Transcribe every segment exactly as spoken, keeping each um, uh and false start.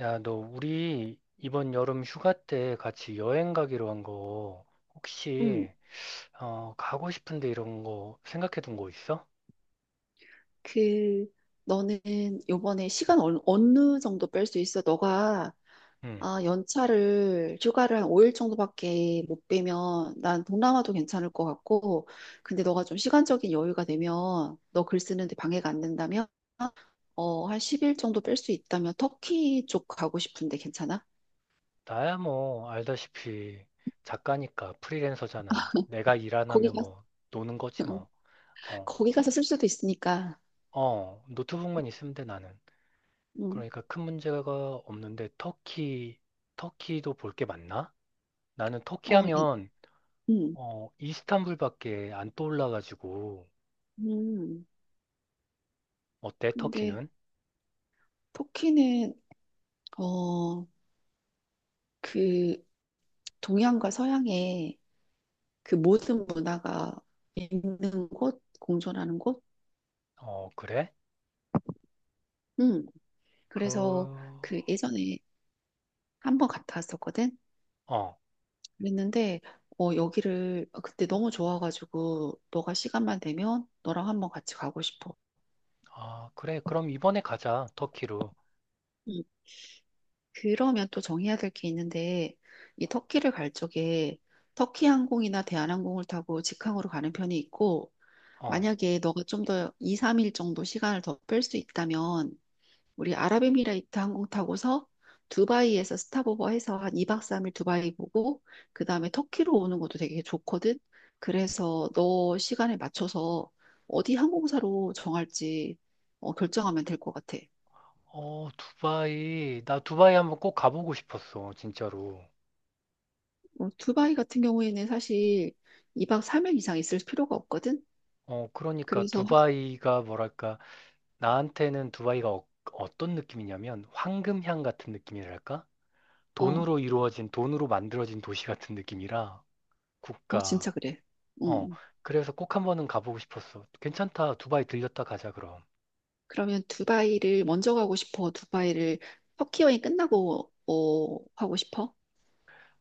야, 너 우리 이번 여름 휴가 때 같이 여행 가기로 한 거 응. 혹시 어, 가고 싶은데 이런 거 생각해 둔 거 있어? 그, 너는 요번에 시간 어느, 어느 정도 뺄 수 있어? 너가, 응. 아, 연차를, 휴가를 한 오 일 정도밖에 못 빼면 난 동남아도 괜찮을 것 같고, 근데 너가 좀 시간적인 여유가 되면, 너 글 쓰는데 방해가 안 된다면, 어, 한 십 일 정도 뺄 수 있다면 터키 쪽 가고 싶은데 괜찮아? 나야 뭐 알다시피 작가니까 프리랜서잖아. 내가 일 안 거기 하면 가서, 뭐 노는 거지 뭐. 어. 거기 가서 쓸 수도 있으니까. 어, 노트북만 있으면 돼 나는. 음. 그러니까 큰 문제가 없는데 터키 터키도 볼 게 많나? 나는 터키 어, 예. 하면 음. 어, 이스탄불밖에 안 떠올라 가지고 음. 어때 근데 터키는? 터키는, 어, 그, 동양과 서양의 그 모든 문화가 있는 곳, 공존하는 곳. 어, 그래? 음. 그래서 그, 그 예전에 한번 갔다 왔었거든. 어, 그랬는데 어 여기를 그때 너무 좋아가지고 너가 시간만 되면 너랑 한번 같이 가고 싶어. 아, 그래. 그럼 이번에 가자, 터키로. 음. 그러면 또 정해야 될 게 있는데 이 터키를 갈 적에 터키 항공이나 대한항공을 타고 직항으로 가는 편이 있고 어, 만약에 너가 좀 더 이, 삼 일 정도 시간을 더 뺄 수 있다면 우리 아랍에미레이트 항공 타고서 두바이에서 스탑오버 해서 한 이 박 삼 일 두바이 보고 그다음에 터키로 오는 것도 되게 좋거든. 그래서 너 시간에 맞춰서 어디 항공사로 정할지 어, 결정하면 될 것 같아. 어, 두바이. 나 두바이 한번 꼭 가보고 싶었어, 진짜로. 어, 두바이 같은 경우에는 사실 이 박 삼 일 이상 있을 필요가 없거든. 어, 그러니까 그래서 두바이가 뭐랄까, 나한테는 두바이가 어, 어떤 느낌이냐면 황금향 같은 느낌이랄까? 어, 돈으로 이루어진, 돈으로 만들어진 도시 같은 느낌이라 어 진짜 국가. 그래. 어, 음. 그래서 꼭 한번은 가보고 싶었어. 괜찮다. 두바이 들렸다 가자, 그럼. 그러면 두바이를 먼저 가고 싶어? 두바이를 터키 여행 끝나고 어, 하고 싶어?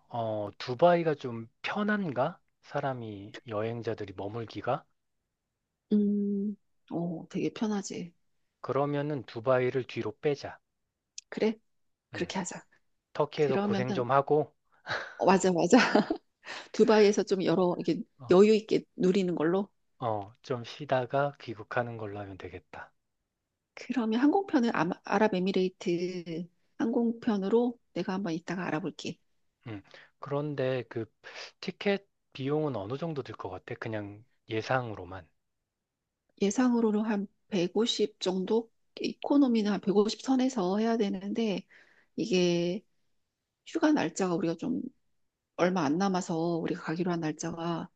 어, 두바이가 좀 편한가? 사람이, 여행자들이 머물기가? 음. 오, 되게 편하지. 그러면은 두바이를 뒤로 빼자. 그래? 음, 그렇게 하자. 터키에서 고생 그러면은, 좀 하고, 어, 맞아, 맞아. 두바이에서 좀 여러, 이게 어, 여유 있게 누리는 걸로. 어, 좀 쉬다가 귀국하는 걸로 하면 되겠다. 그러면 항공편을 아마- 아랍에미레이트 항공편으로 내가 한번 이따가 알아볼게. 음, 그런데 그 티켓 비용은 어느 정도 들 것 같아? 그냥 예상으로만. 예상으로는 한 백오십 정도? 이코노미는 한 백오십 선에서 해야 되는데, 이게 휴가 날짜가 우리가 좀 얼마 안 남아서 우리가 가기로 한 날짜가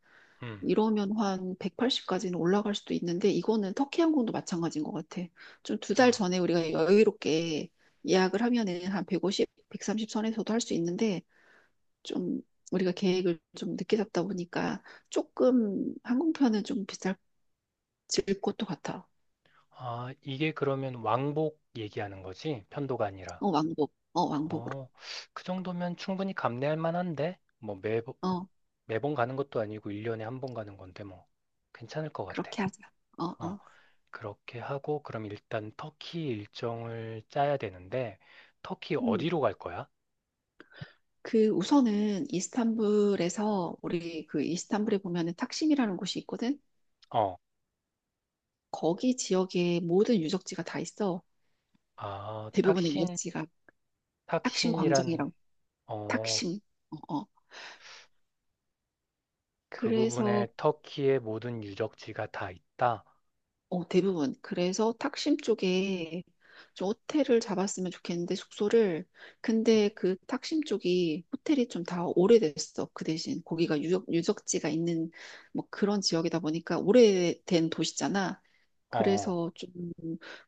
음, 이러면 한 백팔십까지는 올라갈 수도 있는데 이거는 터키 항공도 마찬가지인 것 같아. 좀 두 달 어, 전에 우리가 여유롭게 예약을 하면은 한 백오십, 백삼십 선에서도 할 수 있는데 좀 우리가 계획을 좀 늦게 잡다 보니까 조금 항공편은 좀 비쌀 질 것도 같아. 아, 이게 그러면 왕복 얘기하는 거지? 편도가 아니라. 어, 왕복. 어, 왕복으로. 어, 그 정도면 충분히 감내할 만한데? 뭐 매, 어, 매번 가는 것도 아니고 일 년에 한 번 가는 건데 뭐 괜찮을 것 같아. 그렇게 하자. 어, 어, 어. 그렇게 하고 그럼 일단 터키 일정을 짜야 되는데 터키 음. 어디로 갈 거야? 그 우선은 이스탄불에서 우리 그 이스탄불에 보면은 탁심이라는 곳이 있거든. 어, 거기 지역의 모든 유적지가 다 있어. 아, 대부분의 탁신, 유적지가 탁심 탁신이란 광장이랑 어, 탁심. 어, 어. 그 부분에 그래서 터키의 모든 유적지가 다 있다. 어, 대부분. 그래서 탁심 쪽에 좀 호텔을 잡았으면 좋겠는데, 숙소를. 근데 그 탁심 쪽이 호텔이 좀 다 오래됐어. 그 대신 거기가 유적, 유적지가 있는 뭐 그런 지역이다 보니까 오래된 도시잖아. 어, 그래서 좀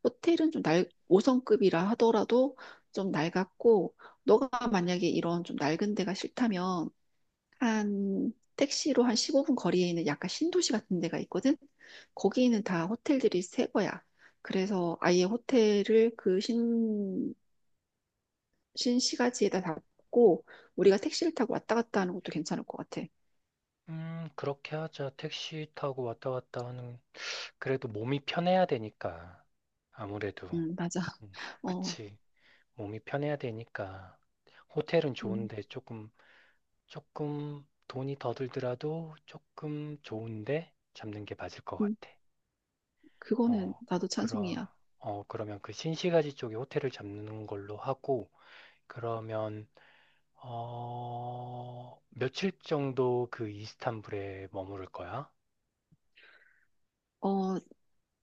호텔은 좀 날, 오 성급이라 하더라도 좀 낡았고, 너가 만약에 이런 좀 낡은 데가 싫다면 한 택시로 한 십오 분 거리에 있는 약간 신도시 같은 데가 있거든. 거기는 다 호텔들이 새 거야. 그래서 아예 호텔을 그 신, 신시가지에다 잡고 우리가 택시를 타고 왔다 갔다 하는 것도 괜찮을 것 같아. 음, 그렇게 하자. 택시 타고 왔다 갔다 하는 그래도 몸이 편해야 되니까 아무래도 음, 맞아. 음, 어, 그치. 몸이 편해야 되니까 호텔은 음, 좋은데 조금 조금 돈이 더 들더라도 조금 좋은데 잡는 게 맞을 것 음, 같아. 그거는 어, 나도 그러, 찬성이야. 어, 그러면 그 신시가지 쪽에 호텔을 잡는 걸로 하고 그러면 어, 며칠 정도 그 이스탄불에 머무를 거야? 어,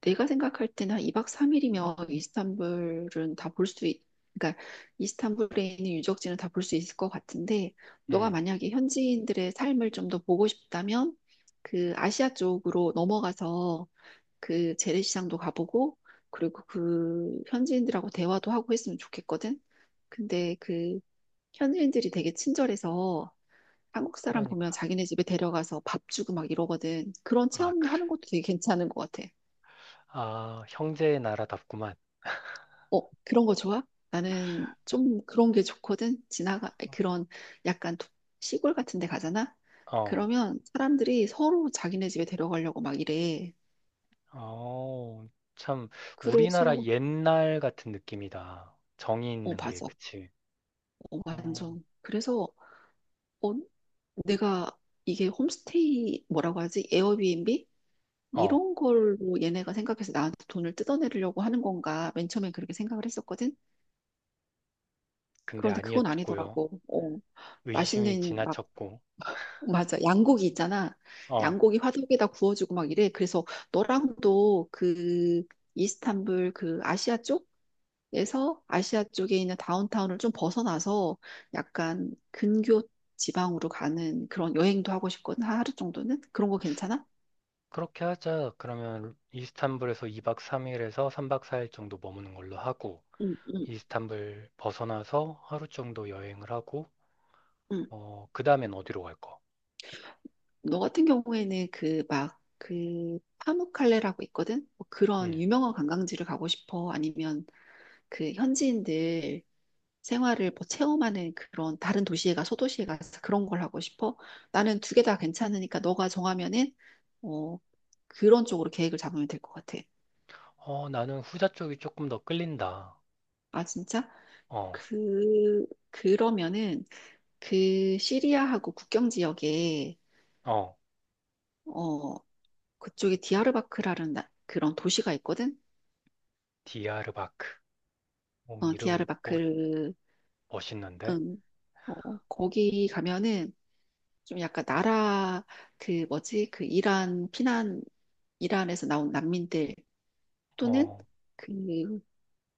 내가 생각할 때는 한 이 박 삼 일이면 이스탄불은 다 볼 수, 있, 그러니까 이스탄불에 있는 유적지는 다 볼 수 있을 것 같은데, 너가 음, 만약에 현지인들의 삶을 좀 더 보고 싶다면, 그 아시아 쪽으로 넘어가서 그 재래시장도 가보고, 그리고 그 현지인들하고 대화도 하고 했으면 좋겠거든? 근데 그 현지인들이 되게 친절해서 한국 사람 보면 그러니까. 자기네 집에 데려가서 밥 주고 막 이러거든. 그런 아, 체험도 그래. 하는 것도 되게 괜찮은 것 같아. 아, 형제의 나라답구만. 어, 그런 거 좋아? 나는 좀 그런 게 좋거든. 지나가, 그런 약간 도- 시골 같은 데 가잖아? 어 그러면 사람들이 서로 자기네 집에 데려가려고 막 이래. 어, 참, 우리나라 그래서, 옛날 같은 느낌이다. 정이 어, 있는 게, 맞아. 그치? 어, 어, 완전. 그래서, 어, 내가 이게 홈스테이 뭐라고 하지? 에어비앤비? 어, 이런 걸로 얘네가 생각해서 나한테 돈을 뜯어내려고 하는 건가? 맨 처음엔 그렇게 생각을 했었거든? 근데 그런데 그건 아니었고요. 아니더라고. 어, 의심이 맛있는 막 지나쳤고. 맞아. 양고기 있잖아. 어, 양고기 화덕에다 구워주고 막 이래. 그래서 너랑도 그 이스탄불 그 아시아 쪽에서 아시아 쪽에 있는 다운타운을 좀 벗어나서 약간 근교 지방으로 가는 그런 여행도 하고 싶거든. 하루 정도는? 그런 거 괜찮아? 그렇게 하자. 그러면 이스탄불에서 이 박 삼 일에서 삼 박 사 일 정도 머무는 걸로 하고, 응, 응, 이스탄불 벗어나서 하루 정도 여행을 하고, 응. 어, 그 다음엔 어디로 갈 거? 너 같은 경우에는 그 막 그 파무칼레라고 있거든? 뭐 그런 음 유명한 관광지를 가고 싶어? 아니면 그 현지인들 생활을 뭐 체험하는 그런 다른 도시에 가 소도시에 가서 그런 걸 하고 싶어. 나는 두 개 다 괜찮으니까 너가 정하면은 어 그런 쪽으로 계획을 잡으면 될 것 같아. 어, 나는 후자 쪽이 조금 더 끌린다. 아 진짜? 어, 그 그러면은 그 시리아하고 국경 지역에 어, 어 그쪽에 디아르바크라는 나- 그런 도시가 있거든. 디아르바크. 어, 어 이름 멋, 디아르바크. 멋있는데? 음, 어, 거기 가면은 좀 약간 나라 그 뭐지 그 이란 피난 이란에서 나온 난민들 또는 어, 그,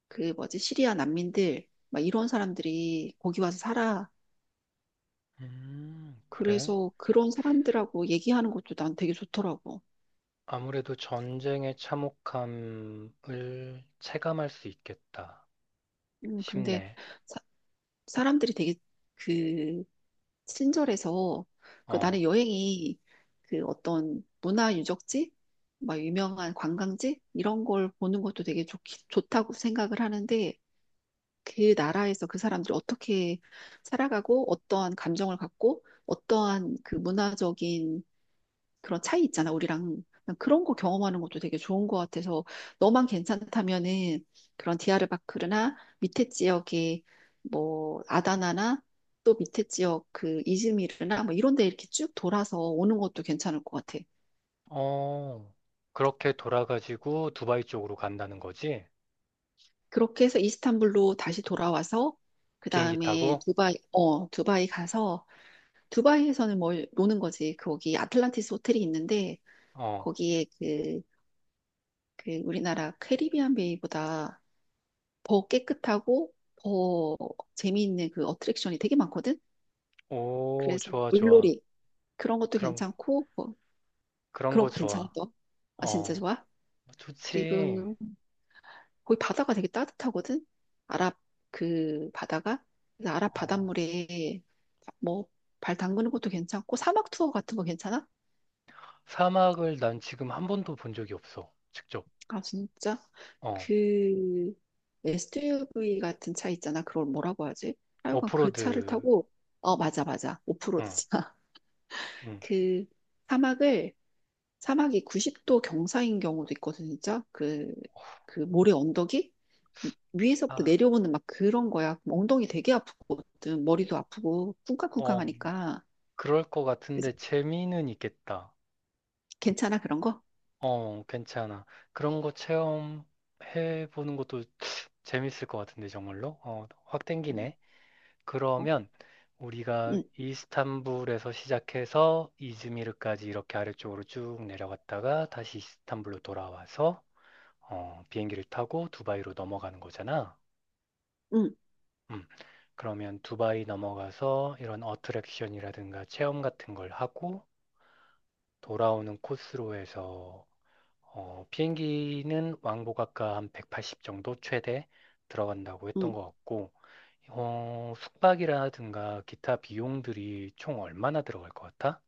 그 뭐지, 시리아 난민들, 막 이런 사람들이 거기 와서 살아. 음, 그래? 그래서 그런 사람들하고 얘기하는 것도 난 되게 좋더라고. 아무래도 전쟁의 참혹함을 체감할 수 있겠다 음, 근데 싶네. 사, 람들이 되게 그 친절해서 그 어, 나는 여행이 그 어떤 문화 유적지, 막 유명한 관광지 이런 걸 보는 것도 되게 좋, 좋다고 생각을 하는데 그 나라에서 그 사람들이 어떻게 살아가고 어떠한 감정을 갖고 어떠한 그 문화적인 그런 차이 있잖아, 우리랑. 난 그런 거 경험하는 것도 되게 좋은 것 같아서 너만 괜찮다면은 그런 디아르바크르나 밑에 지역에 뭐 아다나나 또 밑에 지역 그 이즈미르나 뭐 이런 데 이렇게 쭉 돌아서 오는 것도 괜찮을 것 같아. 어, 그렇게 돌아가지고 두바이 쪽으로 간다는 거지? 그렇게 해서 이스탄불로 다시 돌아와서 그 비행기 다음에 타고? 두바이, 어, 두바이 가서 두바이에서는 뭘 노는 거지. 거기 아틀란티스 호텔이 있는데 어, 거기에 그, 그 우리나라 캐리비안 베이보다 더 깨끗하고 더 재미있는 그 어트랙션이 되게 많거든. 오, 그래서 좋아, 좋아. 물놀이 그런 것도 그런, 괜찮고 뭐 그런 그런 거 거 괜찮아 좋아. 너? 아 진짜 어, 좋아? 좋지. 그리고 거기 바다가 되게 따뜻하거든. 아랍 그 바다가 그래서 아랍 어, 바닷물에 뭐 발 담그는 것도 괜찮고 사막 투어 같은 거 괜찮아? 사막을 난 지금 한 번도 본 적이 없어. 직접. 아, 진짜? 어, 그 에스유브이 같은 차 있잖아. 그걸 뭐라고 하지? 하여간 그 오프로드. 차를 타고, 어, 맞아, 맞아. 오프로드 응, 차. 응. 그 사막을, 사막이 구십 도 경사인 경우도 있거든, 진짜. 그, 그 모래 언덕이 위에서부터 아, 내려오는 막 그런 거야. 그럼 엉덩이 되게 아프거든. 머리도 아프고, 쿵쾅쿵쾅 어, 하니까. 그럴 것 그래서 같은데 재미는 있겠다. 괜찮아, 그런 거? 어, 괜찮아. 그런 거 체험해보는 것도 재밌을 것 같은데, 정말로? 어, 확 응, 땡기네. 어? 그러면 우리가 응, 이스탄불에서 시작해서 이즈미르까지 이렇게 아래쪽으로 쭉 내려갔다가 다시 이스탄불로 돌아와서 어, 비행기를 타고 두바이로 넘어가는 거잖아. 응, 음, 그러면 두바이 넘어가서 이런 어트랙션이라든가 체험 같은 걸 하고 돌아오는 코스로 해서 어, 비행기는 왕복아까 한 백팔십 정도 최대 들어간다고 했던 응. 것 같고, 어, 숙박이라든가 기타 비용들이 총 얼마나 들어갈 것 같아?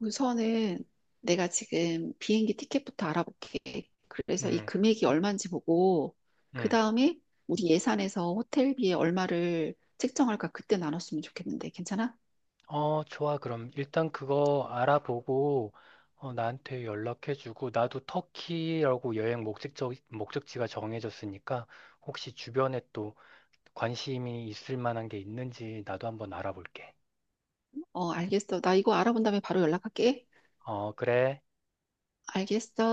우선은 내가 지금 비행기 티켓부터 알아볼게. 그래서 이 음, 금액이 얼마인지 보고, 그 음. 다음에 우리 예산에서 호텔비에 얼마를 책정할까 그때 나눴으면 좋겠는데, 괜찮아? 어, 좋아. 그럼 일단 그거 알아보고, 어, 나한테 연락해주고, 나도 터키라고 여행 목적지, 목적지가 정해졌으니까, 혹시 주변에 또 관심이 있을 만한 게 있는지 나도 한번 알아볼게. 어, 알겠어. 나 이거 알아본 다음에 바로 연락할게. 어, 그래. 알겠어.